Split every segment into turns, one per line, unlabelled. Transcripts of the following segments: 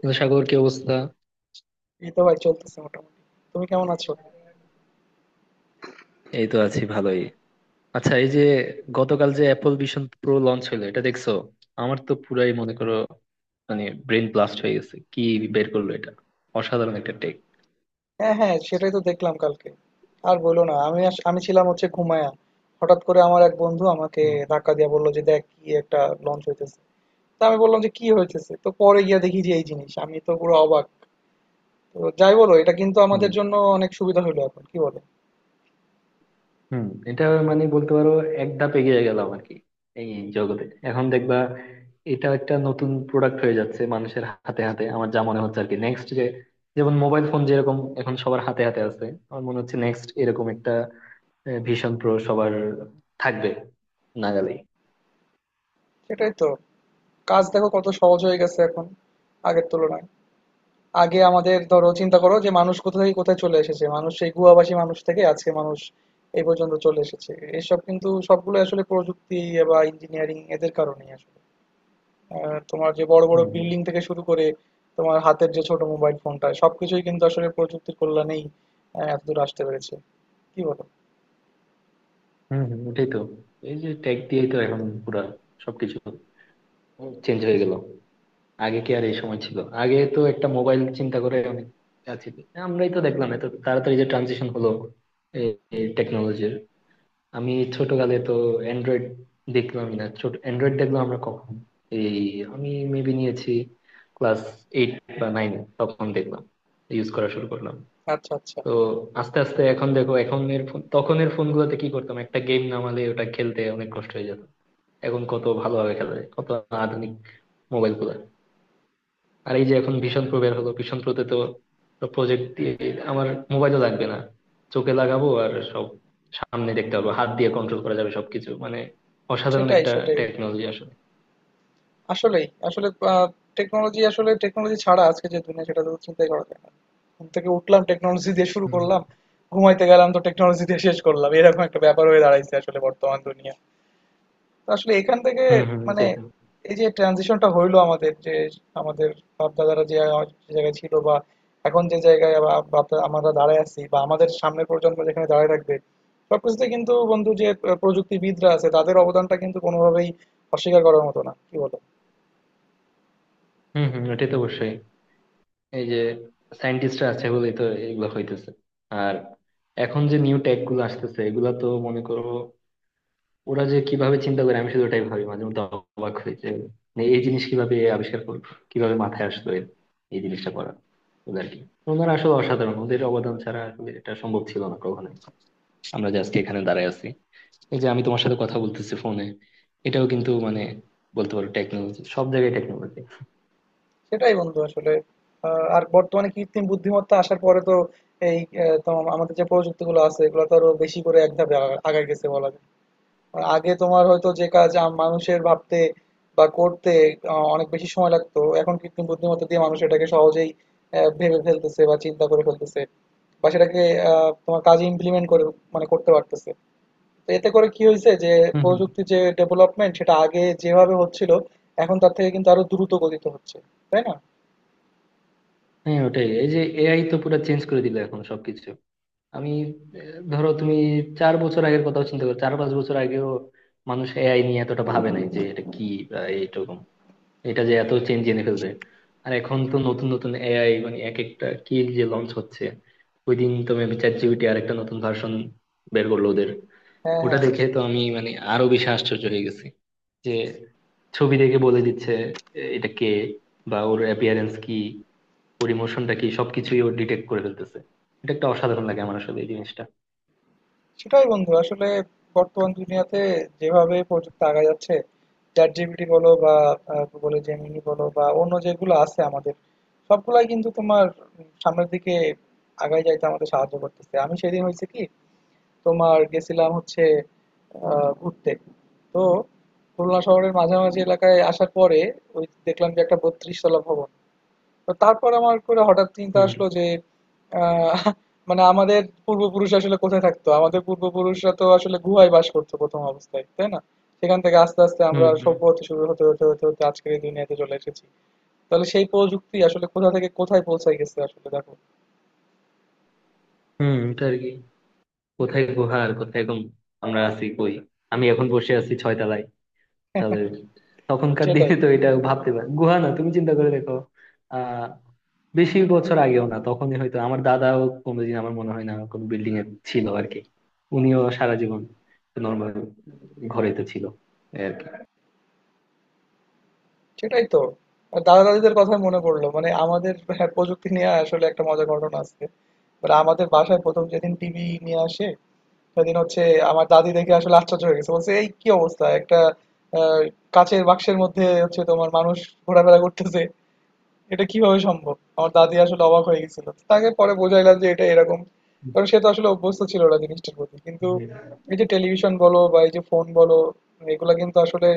কিন্তু সাগর কি অবস্থা?
এই তো ভাই চলতেছে মোটামুটি। তুমি কেমন আছো?
এই তো আছি ভালোই। আচ্ছা, এই যে গতকাল যে অ্যাপল ভিশন প্রো লঞ্চ হলো, এটা দেখছো? আমার তো পুরাই, মনে করো, ব্রেন ব্লাস্ট হয়ে গেছে কি বের করলো এটা। অসাধারণ একটা টেক।
হ্যাঁ, হ্যাঁ, সেটাই তো দেখলাম কালকে। আর বলো না, আমি ছিলাম হচ্ছে ঘুমায়া। হঠাৎ করে আমার এক বন্ধু আমাকে ধাক্কা দিয়ে বললো যে দেখ কি একটা লঞ্চ হইতেছে। তা আমি বললাম যে কি হইতেছে? তো পরে গিয়া দেখি যে এই জিনিস, আমি তো পুরো অবাক। তো যাই বলো, এটা কিন্তু
হুম
আমাদের জন্য অনেক সুবিধা হলো এখন, কি বলে।
হুম, এটা, বলতে পারো এক ধাপ এগিয়ে গেলাম আর কি এই জগতে। এখন দেখবা, এটা একটা নতুন প্রোডাক্ট হয়ে যাচ্ছে মানুষের হাতে হাতে, আমার যা মনে হচ্ছে আর কি। নেক্সট যে, যেমন মোবাইল ফোন যেরকম এখন সবার হাতে হাতে আছে, আমার মনে হচ্ছে নেক্সট এরকম একটা ভীষণ প্রো সবার থাকবে নাগালেই।
সেটাই তো। কাজ দেখো কত সহজ হয়ে গেছে এখন আগের তুলনায়। আগে আমাদের, ধরো চিন্তা করো যে মানুষ কোথা থেকে কোথায় চলে এসেছে, মানুষ সেই গুহাবাসী মানুষ থেকে আজকে মানুষ এই পর্যন্ত চলে এসেছে। এসব কিন্তু সবগুলো আসলে প্রযুক্তি বা ইঞ্জিনিয়ারিং এদের কারণেই আসলে। তোমার যে বড় বড়
হম হম।
বিল্ডিং থেকে শুরু করে তোমার হাতের যে ছোট মোবাইল ফোনটা, সবকিছুই কিন্তু আসলে প্রযুক্তির কল্যাণেই এতদূর আসতে পেরেছে। কি বলো?
হম হম, ওটাই তো। এই যে টেক দিয়েই তো এখন পুরা সবকিছু চেঞ্জ হয়ে গেল। আগে কি আর এই সময় ছিল? আগে তো একটা মোবাইল চিন্তা করে অনেক কাজ ছিল। আমরাই তো দেখলাম এত তাড়াতাড়ি যে ট্রানজিশন হলো এই টেকনোলজির। আমি ছোটকালে তো অ্যান্ড্রয়েড দেখলাম না, ছোট অ্যান্ড্রয়েড দেখলাম আমরা কখন, এই, আমি মেবি নিয়েছি ক্লাস এইট বা নাইন, তখন দেখলাম, ইউজ করা শুরু করলাম।
আচ্ছা, আচ্ছা।
তো আস্তে আস্তে এখন দেখো, এখন এর ফোন তখনের ফোন গুলোতে কি করতাম একটা গেম নামালে ওটা খেলতে অনেক কষ্ট হয়ে যেত। এখন কত ভালোভাবে খেলা যায়, কত আধুনিক মোবাইল গুলা। আর এই যে এখন ভিশন প্রো বের হলো, ভিশন প্রোতে তো প্রজেক্ট দিয়ে আমার মোবাইলও লাগবে না, চোখে লাগাবো আর সব সামনে দেখতে পাবো, হাত দিয়ে কন্ট্রোল করা যাবে সবকিছু। অসাধারণ
সেটাই
একটা
সেটাই বন্ধু,
টেকনোলজি আসলে।
আসলেই। আসলে আ টেকনোলজি, আসলে টেকনোলজি ছাড়া আজকে যে দুনিয়া, সেটা তো চিন্তাই করা যায় না। ঘুম থেকে উঠলাম টেকনোলজি দিয়ে শুরু
হুম।
করলাম, ঘুমাইতে গেলাম তো টেকনোলজি দিয়ে শেষ করলাম। এরকম একটা ব্যাপার হয়ে দাঁড়াইছে আসলে বর্তমান দুনিয়া। তো আসলে এখান থেকে
হম হম,
মানে
ওটাই তো।
এই যে ট্রানজিশনটা হইলো আমাদের, যে আমাদের বাপ-দাদারা যে যে জায়গায় ছিল বা এখন যে জায়গায় বা আমরা দাঁড়ায় আছি বা আমাদের সামনের প্রজন্ম যেখানে দাঁড়ায় থাকবে, সবকিছুতে কিন্তু বন্ধু যে প্রযুক্তিবিদরা আছে তাদের অবদানটা কিন্তু কোনোভাবেই অস্বীকার করার মতো না। কি বলো?
হম হম, ওটাই তো, অবশ্যই। এই যে সায়েন্টিস্টরা আছে বলেই তো এগুলো হইতেছে। আর এখন যে নিউ টেক গুলো আসতেছে, এগুলা তো মনে করো, ওরা যে কিভাবে চিন্তা করে আমি শুধু ওটাই ভাবি, মাঝে মধ্যে অবাক হই যে, এই জিনিস কিভাবে আবিষ্কার করলো, কিভাবে মাথায় আসলো এই জিনিসটা করা ওদের কি। ওনারা আসলে অসাধারণ, ওদের অবদান ছাড়া আসলে এটা সম্ভব ছিল না কখনোই। আমরা যে আজকে এখানে দাঁড়ায় আছি, এই যে আমি তোমার সাথে কথা বলতেছি ফোনে, এটাও কিন্তু, বলতে পারো টেকনোলজি, সব জায়গায় টেকনোলজি।
সেটাই বন্ধু আসলে। আর বর্তমানে কৃত্রিম বুদ্ধিমত্তা আসার পরে তো এই তোমার আমাদের যে প্রযুক্তিগুলো আছে এগুলো তো আরো বেশি করে এক ধাপ আগায় গেছে বলা যায়। আর আগে তোমার হয়তো যে কাজ মানুষের ভাবতে বা করতে অনেক বেশি সময় লাগতো, এখন কৃত্রিম বুদ্ধিমত্তা দিয়ে মানুষ এটাকে সহজেই ভেবে ফেলতেছে বা চিন্তা করে ফেলতেছে বা সেটাকে তোমার কাজে ইমপ্লিমেন্ট করে মানে করতে পারতেছে। তো এতে করে কি হয়েছে যে
হম হম।
প্রযুক্তির যে ডেভেলপমেন্ট সেটা আগে যেভাবে হচ্ছিল এখন তার থেকে কিন্তু আরো দ্রুত গতিতে হচ্ছে। তাই না?
হ্যাঁ ওটাই, এই যে এআই তো পুরো চেঞ্জ করে দিল এখন সবকিছু। আমি, ধরো তুমি চার বছর আগের কথা চিন্তা করো, চার পাঁচ বছর আগেও মানুষ এআই নিয়ে এতটা ভাবে নাই যে এটা কি বা এইরকম, এটা যে এত চেঞ্জ এনে ফেলবে। আর এখন তো নতুন নতুন এআই, এক একটা কি যে লঞ্চ হচ্ছে। ওই দিন তো মেবি চ্যাট জিপিটি আর একটা নতুন ভার্সন বের করলো ওদের।
হ্যাঁ,
ওটা
হ্যাঁ।
দেখে তো আমি, আরো বেশি আশ্চর্য হয়ে গেছি যে ছবি দেখে বলে দিচ্ছে এ, এটা কে, বা ওর অ্যাপিয়ারেন্স কি, ওর ইমোশনটা কি, সবকিছুই ও ডিটেক্ট করে ফেলতেছে। এটা একটা অসাধারণ লাগে আমার আসলে এই জিনিসটা।
সেটাই বন্ধু, আসলে বর্তমান দুনিয়াতে যেভাবে প্রযুক্তি আগায় যাচ্ছে, ChatGPT বলো বা Google এর Gemini বলো বা অন্য যেগুলো আছে আমাদের, সবগুলাই কিন্তু তোমার সামনের দিকে আগায় যাইতে আমাদের সাহায্য করতেছে। আমি সেদিন হয়েছে কি, তোমার গেছিলাম হচ্ছে ঘুরতে। তো খুলনা শহরের মাঝামাঝি এলাকায় আসার পরে ওই দেখলাম যে একটা বত্রিশ তলা ভবন। তো তারপর আমার করে হঠাৎ চিন্তা আসলো যে আহ, মানে আমাদের পূর্বপুরুষ আসলে কোথায় থাকতো, আমাদের পূর্বপুরুষরা তো আসলে গুহায় বাস করতো প্রথম অবস্থায়, তাই না? সেখান থেকে আস্তে আস্তে আমরা
হুম হুম।
সভ্য হতে শুরু, হতে হতে হতে হতে আজকের এই দুনিয়াতে চলে এসেছি। তাহলে সেই প্রযুক্তি আসলে কোথা থেকে কোথায় পৌঁছায় গেছে আসলে, দেখো।
হুম, এটা আর কি। কোথায় গুহা আর কোথায় গম, আমরা আছি কই? আমি এখন বসে আছি ছয়তলায়। তাহলে তখনকার
সেটাই,
দিনে তো এটা ভাবতে পার, গুহা না, তুমি চিন্তা করে দেখো। আহ বেশি বছর আগেও না, তখনই হয়তো আমার দাদাও কোনোদিন, আমার মনে হয় না কোনো বিল্ডিং এ ছিল আর কি। উনিও সারা জীবন নর্মাল ঘরেই তো ছিল এই আর কি।
সেটাই তো। আর দাদা দাদিদের কথা মনে পড়লো, মানে আমাদের, হ্যাঁ, প্রযুক্তি নিয়ে আসলে একটা মজার ঘটনা আছে। মানে আমাদের বাসায় প্রথম যেদিন টিভি নিয়ে আসে সেদিন হচ্ছে আমার দাদি দেখে আসলে আশ্চর্য হয়ে গেছে। বলছে, "এই কি অবস্থা? একটা আ কাঁচের বাক্সের মধ্যে হচ্ছে তোমার মানুষ ঘোরাফেরা করতেছে। এটা কিভাবে সম্ভব?" আমার দাদি আসলে অবাক হয়ে গেছিল। তাকে পরে বুঝাইলাম যে এটা এরকম। কারণ সে তো আসলে অভ্যস্ত ছিল না জিনিসটার প্রতি। কিন্তু এই যে টেলিভিশন বলো বা এই যে ফোন বলো, এগুলা কিন্তু আসলে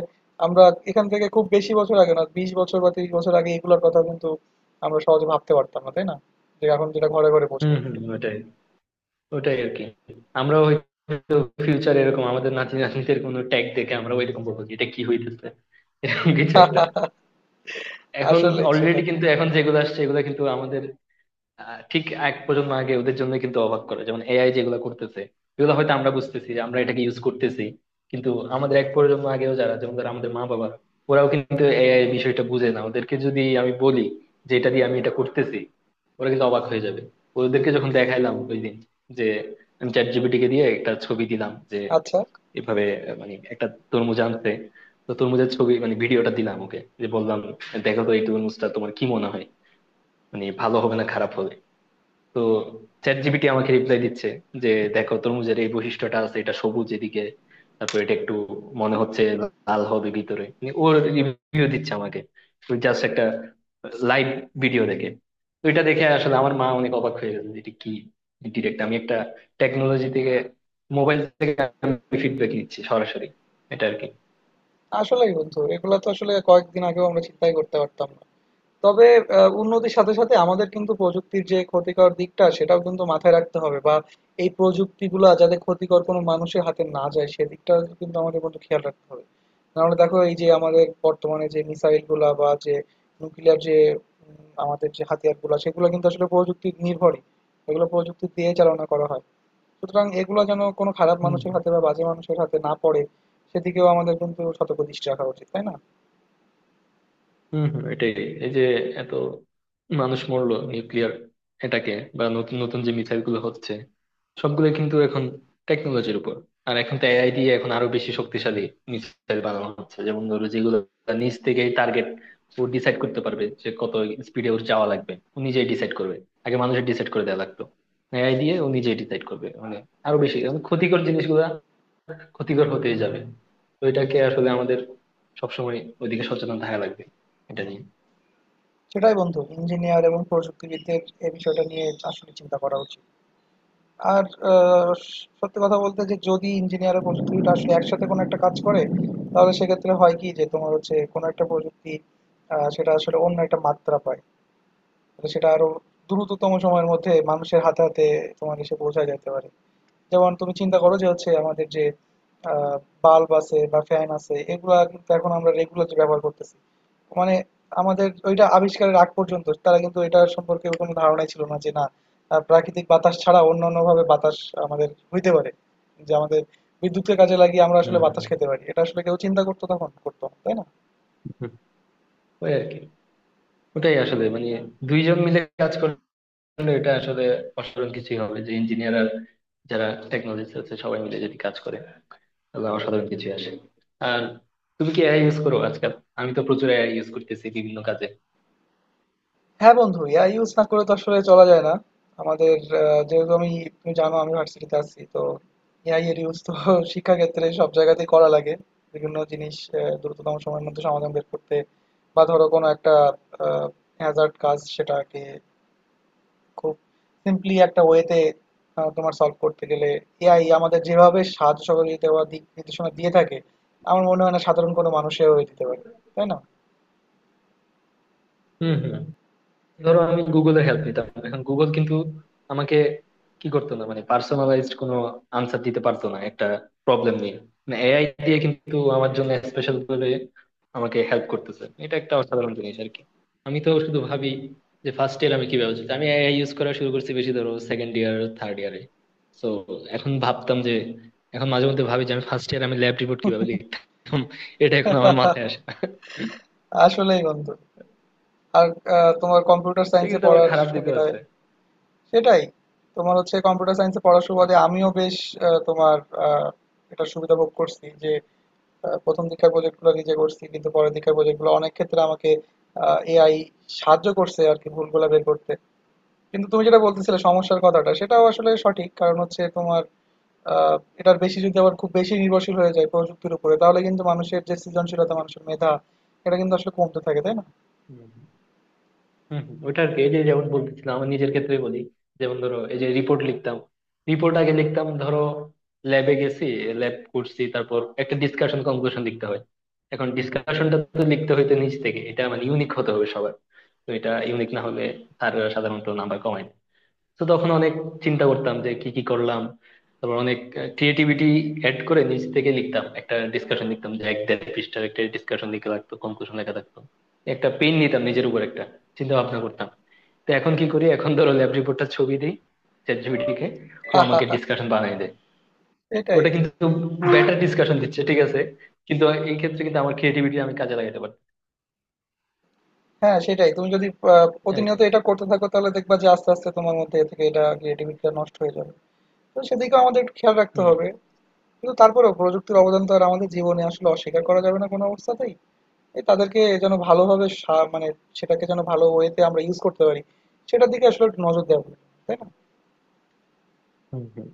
আমরা এখান থেকে খুব বেশি বছর আগে না, ২০ বছর বা ৩০ বছর আগে এগুলার কথা কিন্তু আমরা সহজে ভাবতে পারতাম না, তাই না? যে এখন যেটা ঘরে, ঘরে পৌঁছে
হুম হুম,
গেছে।
ওটাই, ওটাই আরকি। আমরাও হয়তো ফিউচারে এরকম আমাদের নাতি নাতনিদের কোনো ট্যাগ দেখে আমরা ওইরকম বলবো যে এটা কি হইতেছে, এরকম কিছু একটা। এখন
আসলেই
অলরেডি
সেটাই।
কিন্তু এখন যেগুলো আসছে এগুলো কিন্তু আমাদের ঠিক এক প্রজন্ম আগে ওদের জন্য কিন্তু অবাক করে, যেমন এআই যেগুলো করতেছে এগুলো হয়তো আমরা বুঝতেছি যে আমরা এটাকে ইউজ করতেছি, কিন্তু আমাদের এক প্রজন্ম আগেও যারা, যেমন ধর আমাদের মা বাবা, ওরাও কিন্তু এআই বিষয়টা বুঝে না। ওদেরকে যদি আমি বলি যে এটা দিয়ে আমি এটা করতেছি, ওরা কিন্তু অবাক হয়ে যাবে। ওদেরকে যখন দেখাইলাম ওই দিন, যে আমি চ্যাট জিপিটি কে দিয়ে একটা ছবি দিলাম যে
আচ্ছা।
এভাবে আহ, মানে একটা তরমুজ আনতে, তো তরমুজের ছবি, ভিডিওটা দিলাম ওকে, যে বললাম দেখো তো এই তরমুজটা তোমার কি মনে হয়, ভালো হবে না খারাপ হবে। তো চ্যাট জিপিটি আমাকে রিপ্লাই দিচ্ছে যে দেখো, তরমুজের এই বৈশিষ্ট্যটা আছে, এটা সবুজ এদিকে, তারপর এটা একটু মনে হচ্ছে লাল হবে ভিতরে। ওর রিভিউ দিচ্ছে আমাকে জাস্ট একটা লাইভ ভিডিও দেখে। তো এটা দেখে আসলে আমার মা অনেক অবাক হয়ে গেছে যে এটা কি, ডিরেক্ট আমি একটা টেকনোলজি থেকে, মোবাইল থেকে আমি ফিডব্যাক নিচ্ছি সরাসরি। এটা আর
আসলেই বন্ধু, এগুলা তো আসলে কয়েকদিন আগেও আমরা চিন্তাই করতে পারতাম না। তবে উন্নতির সাথে সাথে আমাদের কিন্তু প্রযুক্তির যে ক্ষতিকর দিকটা সেটাও কিন্তু মাথায় রাখতে হবে, বা এই প্রযুক্তিগুলা যাতে ক্ষতিকর কোনো মানুষের হাতে না যায় সেদিকটা কিন্তু আমাদের বন্ধু খেয়াল রাখতে হবে। নাহলে দেখো, এই যে আমাদের বর্তমানে যে মিসাইল গুলা বা যে নিউক্লিয়ার যে আমাদের যে হাতিয়ার গুলা, সেগুলো কিন্তু আসলে প্রযুক্তি নির্ভরই, এগুলো প্রযুক্তি দিয়ে চালনা করা হয়। সুতরাং এগুলো যেন কোনো খারাপ
কি।
মানুষের হাতে বা বাজে মানুষের হাতে না পড়ে, সেদিকেও আমাদের কিন্তু সতর্ক দৃষ্টি রাখা উচিত, তাই না?
হম হম, এটাই। এই যে এত মানুষ মরলো নিউক্লিয়ার এটাকে, বা নতুন নতুন যে মিসাইল গুলো হচ্ছে সবগুলো কিন্তু এখন টেকনোলজির উপর। আর এখন তো এআই দিয়ে এখন আরো বেশি শক্তিশালী মিসাইল বানানো হচ্ছে, যেমন ধরো যেগুলো নিজ থেকেই টার্গেট ও ডিসাইড করতে পারবে, যে কত স্পিডে ওর যাওয়া লাগবে ও নিজেই ডিসাইড করবে। আগে মানুষের ডিসাইড করে দেওয়া লাগতো, এআই দিয়ে ও নিজেই ডিসাইড করবে। আরো বেশি, ক্ষতিকর জিনিসগুলা ক্ষতিকর হতেই যাবে। তো এটাকে আসলে আমাদের সবসময় ওইদিকে সচেতন থাকা লাগবে এটা নিয়ে।
সেটাই বন্ধু, ইঞ্জিনিয়ার এবং প্রযুক্তিবিদদের এই বিষয়টা নিয়ে আসলে চিন্তা করা উচিত। আর আহ, সত্যি কথা বলতে, যে যদি ইঞ্জিনিয়ার আর প্রযুক্তিবিদ আসলে একসাথে কোনো একটা কাজ করে তাহলে সেক্ষেত্রে হয় কি, যে তোমার হচ্ছে কোনো একটা প্রযুক্তি সেটা আসলে অন্য একটা মাত্রা পায়। তাহলে সেটা আরো দ্রুততম সময়ের মধ্যে মানুষের হাতে হাতে তোমার এসে পৌঁছায় যেতে পারে। যেমন তুমি চিন্তা করো যে হচ্ছে আমাদের যে বাল্ব আছে বা ফ্যান আছে এগুলা কিন্তু এখন আমরা রেগুলার যে ব্যবহার করতেছি, মানে আমাদের ওইটা আবিষ্কারের আগ পর্যন্ত তারা কিন্তু এটা সম্পর্কে কোনো ধারণাই ছিল না যে না, প্রাকৃতিক বাতাস ছাড়া অন্য অন্য ভাবে বাতাস আমাদের হইতে পারে, যে আমাদের বিদ্যুতের কাজে লাগিয়ে আমরা আসলে
হ্যাঁ হ্যাঁ।
বাতাস খেতে পারি। এটা আসলে কেউ চিন্তা করতো তখন? করতো না, তাই না?
হুম, ওই আর কি। ওটাই আসলে, দুইজন মিলে কাজ করলে এটা আসলে অসাধারণ কিছুই হবে। যে ইঞ্জিনিয়ার আর যারা টেকনোলজিস্ট আছে সবাই মিলে যদি কাজ করে, তাহলে অসাধারণ কিছুই আসে। আর তুমি কি এআই ইউজ করো আজকাল? আমি তো প্রচুর এআই ইউজ করতেছি বিভিন্ন কাজে।
হ্যাঁ বন্ধু, এআই ইউজ না করে তো আসলে চলা যায় না আমাদের। যেহেতু আমি, তুমি জানো আমি ভার্সিটিতে আছি, তো এআই এর ইউজ তো শিক্ষাক্ষেত্রে সব জায়গাতেই করা লাগে। বিভিন্ন জিনিস দ্রুততম সময়ের মধ্যে সমাধান বের করতে, বা ধরো কোনো একটা হ্যাজার্ড কাজ সেটাকে খুব সিম্পলি একটা ওয়েতে তোমার সলভ করতে গেলে এআই আমাদের যেভাবে সাহায্য সহযোগিতা বা দিক নির্দেশনা দিয়ে থাকে, আমার মনে হয় না সাধারণ কোনো মানুষেও দিতে পারে। তাই না?
হম হম। ধরো, আমি গুগলের হেল্প নিতাম, এখন গুগল কিন্তু আমাকে কি করতো না, পার্সোনালাইজড কোনো আনসার দিতে পারতো না একটা প্রবলেম নিয়ে, এআই দিয়ে কিন্তু আমার জন্য স্পেশাল করে আমাকে হেল্প করতেছে। এটা একটা অসাধারণ জিনিস আর কি। আমি তো শুধু ভাবি যে ফার্স্ট ইয়ার আমি কি ভাবছি, আমি এআই ইউজ করা শুরু করছি বেশি ধরো সেকেন্ড ইয়ার থার্ড ইয়ারে। তো এখন ভাবতাম যে, এখন মাঝে মধ্যে ভাবি যে আমি ফার্স্ট ইয়ার আমি ল্যাব রিপোর্ট কিভাবে লিখতাম, এটা এখন আমার মাথায় আসে না।
আসলেই বন্ধু। আর তোমার কম্পিউটার
এটা
সায়েন্সে
কিন্তু আমার
পড়ার
খারাপ দিকও
সুবিধায়
আছে।
সেটাই, তোমার হচ্ছে কম্পিউটার সায়েন্সে পড়ার সুবাদে আমিও বেশ তোমার আহ, এটা সুবিধা ভোগ করছি যে প্রথম দীক্ষার প্রজেক্টগুলো নিজে করছি কিন্তু পরের দীক্ষার প্রজেক্টগুলো অনেক ক্ষেত্রে আমাকে এআই সাহায্য করছে আর কি, ভুলগুলো বের করতে। কিন্তু তুমি যেটা বলতেছিলে সমস্যার কথাটা, সেটাও আসলে সঠিক। কারণ হচ্ছে তোমার এটার বেশি যদি আবার খুব বেশি নির্ভরশীল হয়ে যায় প্রযুক্তির উপরে তাহলে কিন্তু মানুষের যে সৃজনশীলতা, মানুষের মেধা এটা কিন্তু আসলে কমতে থাকে, তাই না?
হুম। হম, ওইটা আর কি। এই যে যেমন বলতেছিলাম আমার নিজের ক্ষেত্রে বলি, যেমন ধরো এই যে রিপোর্ট লিখতাম, রিপোর্ট আগে লিখতাম ধরো, ল্যাবে গেছি, ল্যাব করছি, তারপর একটা ডিসকাশন কনক্লুশন লিখতে হয়। এখন ডিসকাশনটা তো লিখতে হইতো নিজ থেকে, এটা ইউনিক হতে হবে সবার। তো এটা ইউনিক না হলে স্যাররা সাধারণত নাম্বার কমায় না। তো তখন অনেক চিন্তা করতাম যে কি কি করলাম, তারপর অনেক ক্রিয়েটিভিটি অ্যাড করে নিজ থেকে লিখতাম, একটা ডিসকাশন লিখতাম যে এক দেড় পৃষ্ঠার একটা ডিসকাশন লিখে লাগতো, কনক্লুশন লেখা থাকতো। একটা পেন নিতাম নিজের উপর একটা চিন্তা ভাবনা করতাম। তো এখন কি করি, এখন ধরো ল্যাব রিপোর্টটা ছবি দিই চ্যাট জিপিটিকে, ও
হা হা
আমাকে
হা।
ডিসকাশন বানিয়ে দেয়।
এটাই।
ওটা কিন্তু বেটার ডিসকাশন দিচ্ছে ঠিক আছে, কিন্তু এই ক্ষেত্রে কিন্তু আমার ক্রিয়েটিভিটি আমি কাজে লাগাতে পারি
হ্যাঁ সেটাই। তুমি যদি আ
আর কি।
প্রতিনিয়ত এটা করতে থাকো তাহলে দেখবা যে আস্তে, আস্তে তোমার মধ্যে এ থেকে এটা ক্রিয়েটিভিটিটা নষ্ট হয়ে যাবে। তো সেদিকেও আমাদের একটু খেয়াল রাখতে
হম
হবে। কিন্তু তারপরেও প্রযুক্তির অবদান তো আর আমাদের জীবনে আসলে অস্বীকার করা যাবে না কোনো অবস্থাতেই। এ তাদেরকে যেন ভালোভাবে মানে সেটাকে যেন ভালো ওয়েতে আমরা ইউজ করতে পারি, সেটার দিকে আসলে একটু নজর দেওয়া উচিত, তাই না?
হম। হম,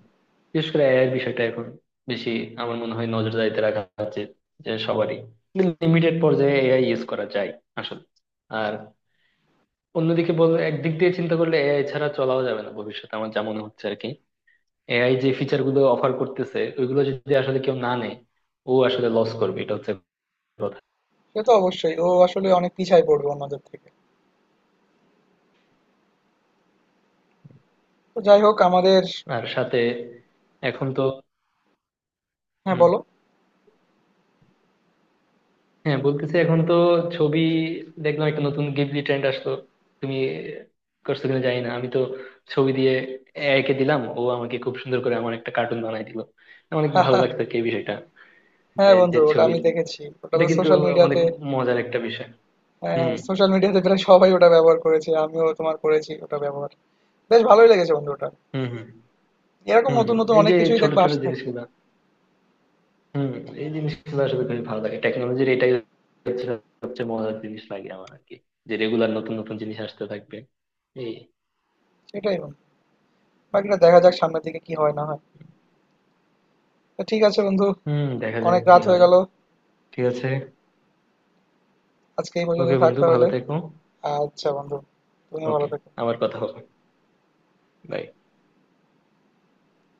বিশেষ করে এআই এর বিষয়টা এখন বেশি আমার মনে হয় নজরদারিতে রাখা উচিত, যে সবারই লিমিটেড পর্যায়ে এআই ইউজ করা যায় আসলে। আর অন্যদিকে বল, একদিক দিয়ে চিন্তা করলে এআই ছাড়া চলাও যাবে না ভবিষ্যতে, আমার যা মনে হচ্ছে আর কি। এআই যে ফিচার গুলো অফার করতেছে ওইগুলো যদি আসলে কেউ না নেয়, ও আসলে লস করবে, এটা হচ্ছে কথা।
সে তো অবশ্যই। ও আসলে অনেক পিছায় পড়বে অন্যদের থেকে। তো যাই হোক আমাদের।
আর সাথে এখন তো,
হ্যাঁ,
হম,
বলো।
হ্যাঁ বলতেছি। এখন তো ছবি দেখলাম একটা নতুন গিবলি ট্রেন্ড আসলো, তুমি করছো কিনা জানি না, আমি তো ছবি দিয়ে এআই কে দিলাম, ও আমাকে খুব সুন্দর করে আমার একটা কার্টুন বানাই দিল। অনেক ভালো লাগতো আর কি এই বিষয়টা, যে
হ্যাঁ
যে
বন্ধু, ওটা আমি
ছবির।
দেখেছি। ওটা
এটা
তো
কিন্তু
সোশ্যাল
অনেক
মিডিয়াতে।
মজার একটা বিষয়।
হ্যাঁ,
হুম
সোশ্যাল মিডিয়াতে প্রায় সবাই ওটা ব্যবহার করেছে, আমিও তোমার করেছি ওটা ব্যবহার। বেশ ভালোই লেগেছে বন্ধু ওটা।
হুম। হুম
এরকম
হুম
নতুন
হুম।
নতুন
এই
অনেক
যে
কিছুই
ছোট
দেখবে
ছোট
আসতে থাকবে।
জিনিসগুলা, হুম, এই জিনিসগুলো আসলে খুবই ভালো লাগে, টেকনোলজির এটাই হচ্ছে সবচেয়ে মজার জিনিস লাগে আমার আর কি, যে রেগুলার নতুন নতুন জিনিস আসতে থাকবে এই।
সেটাই বন্ধু, বাকিটা দেখা যাক সামনের দিকে কি হয় না হয়। তো ঠিক আছে বন্ধু,
হুম, দেখা যাক
অনেক
কি
রাত হয়ে
হয়।
গেল।
ঠিক আছে,
আজকে এই পর্যন্ত
ওকে
থাক
বন্ধু, ভালো
তাহলে।
থেকো।
আচ্ছা বন্ধু, তুমিও ভালো
ওকে,
থেকো।
আবার কথা হবে। Bye.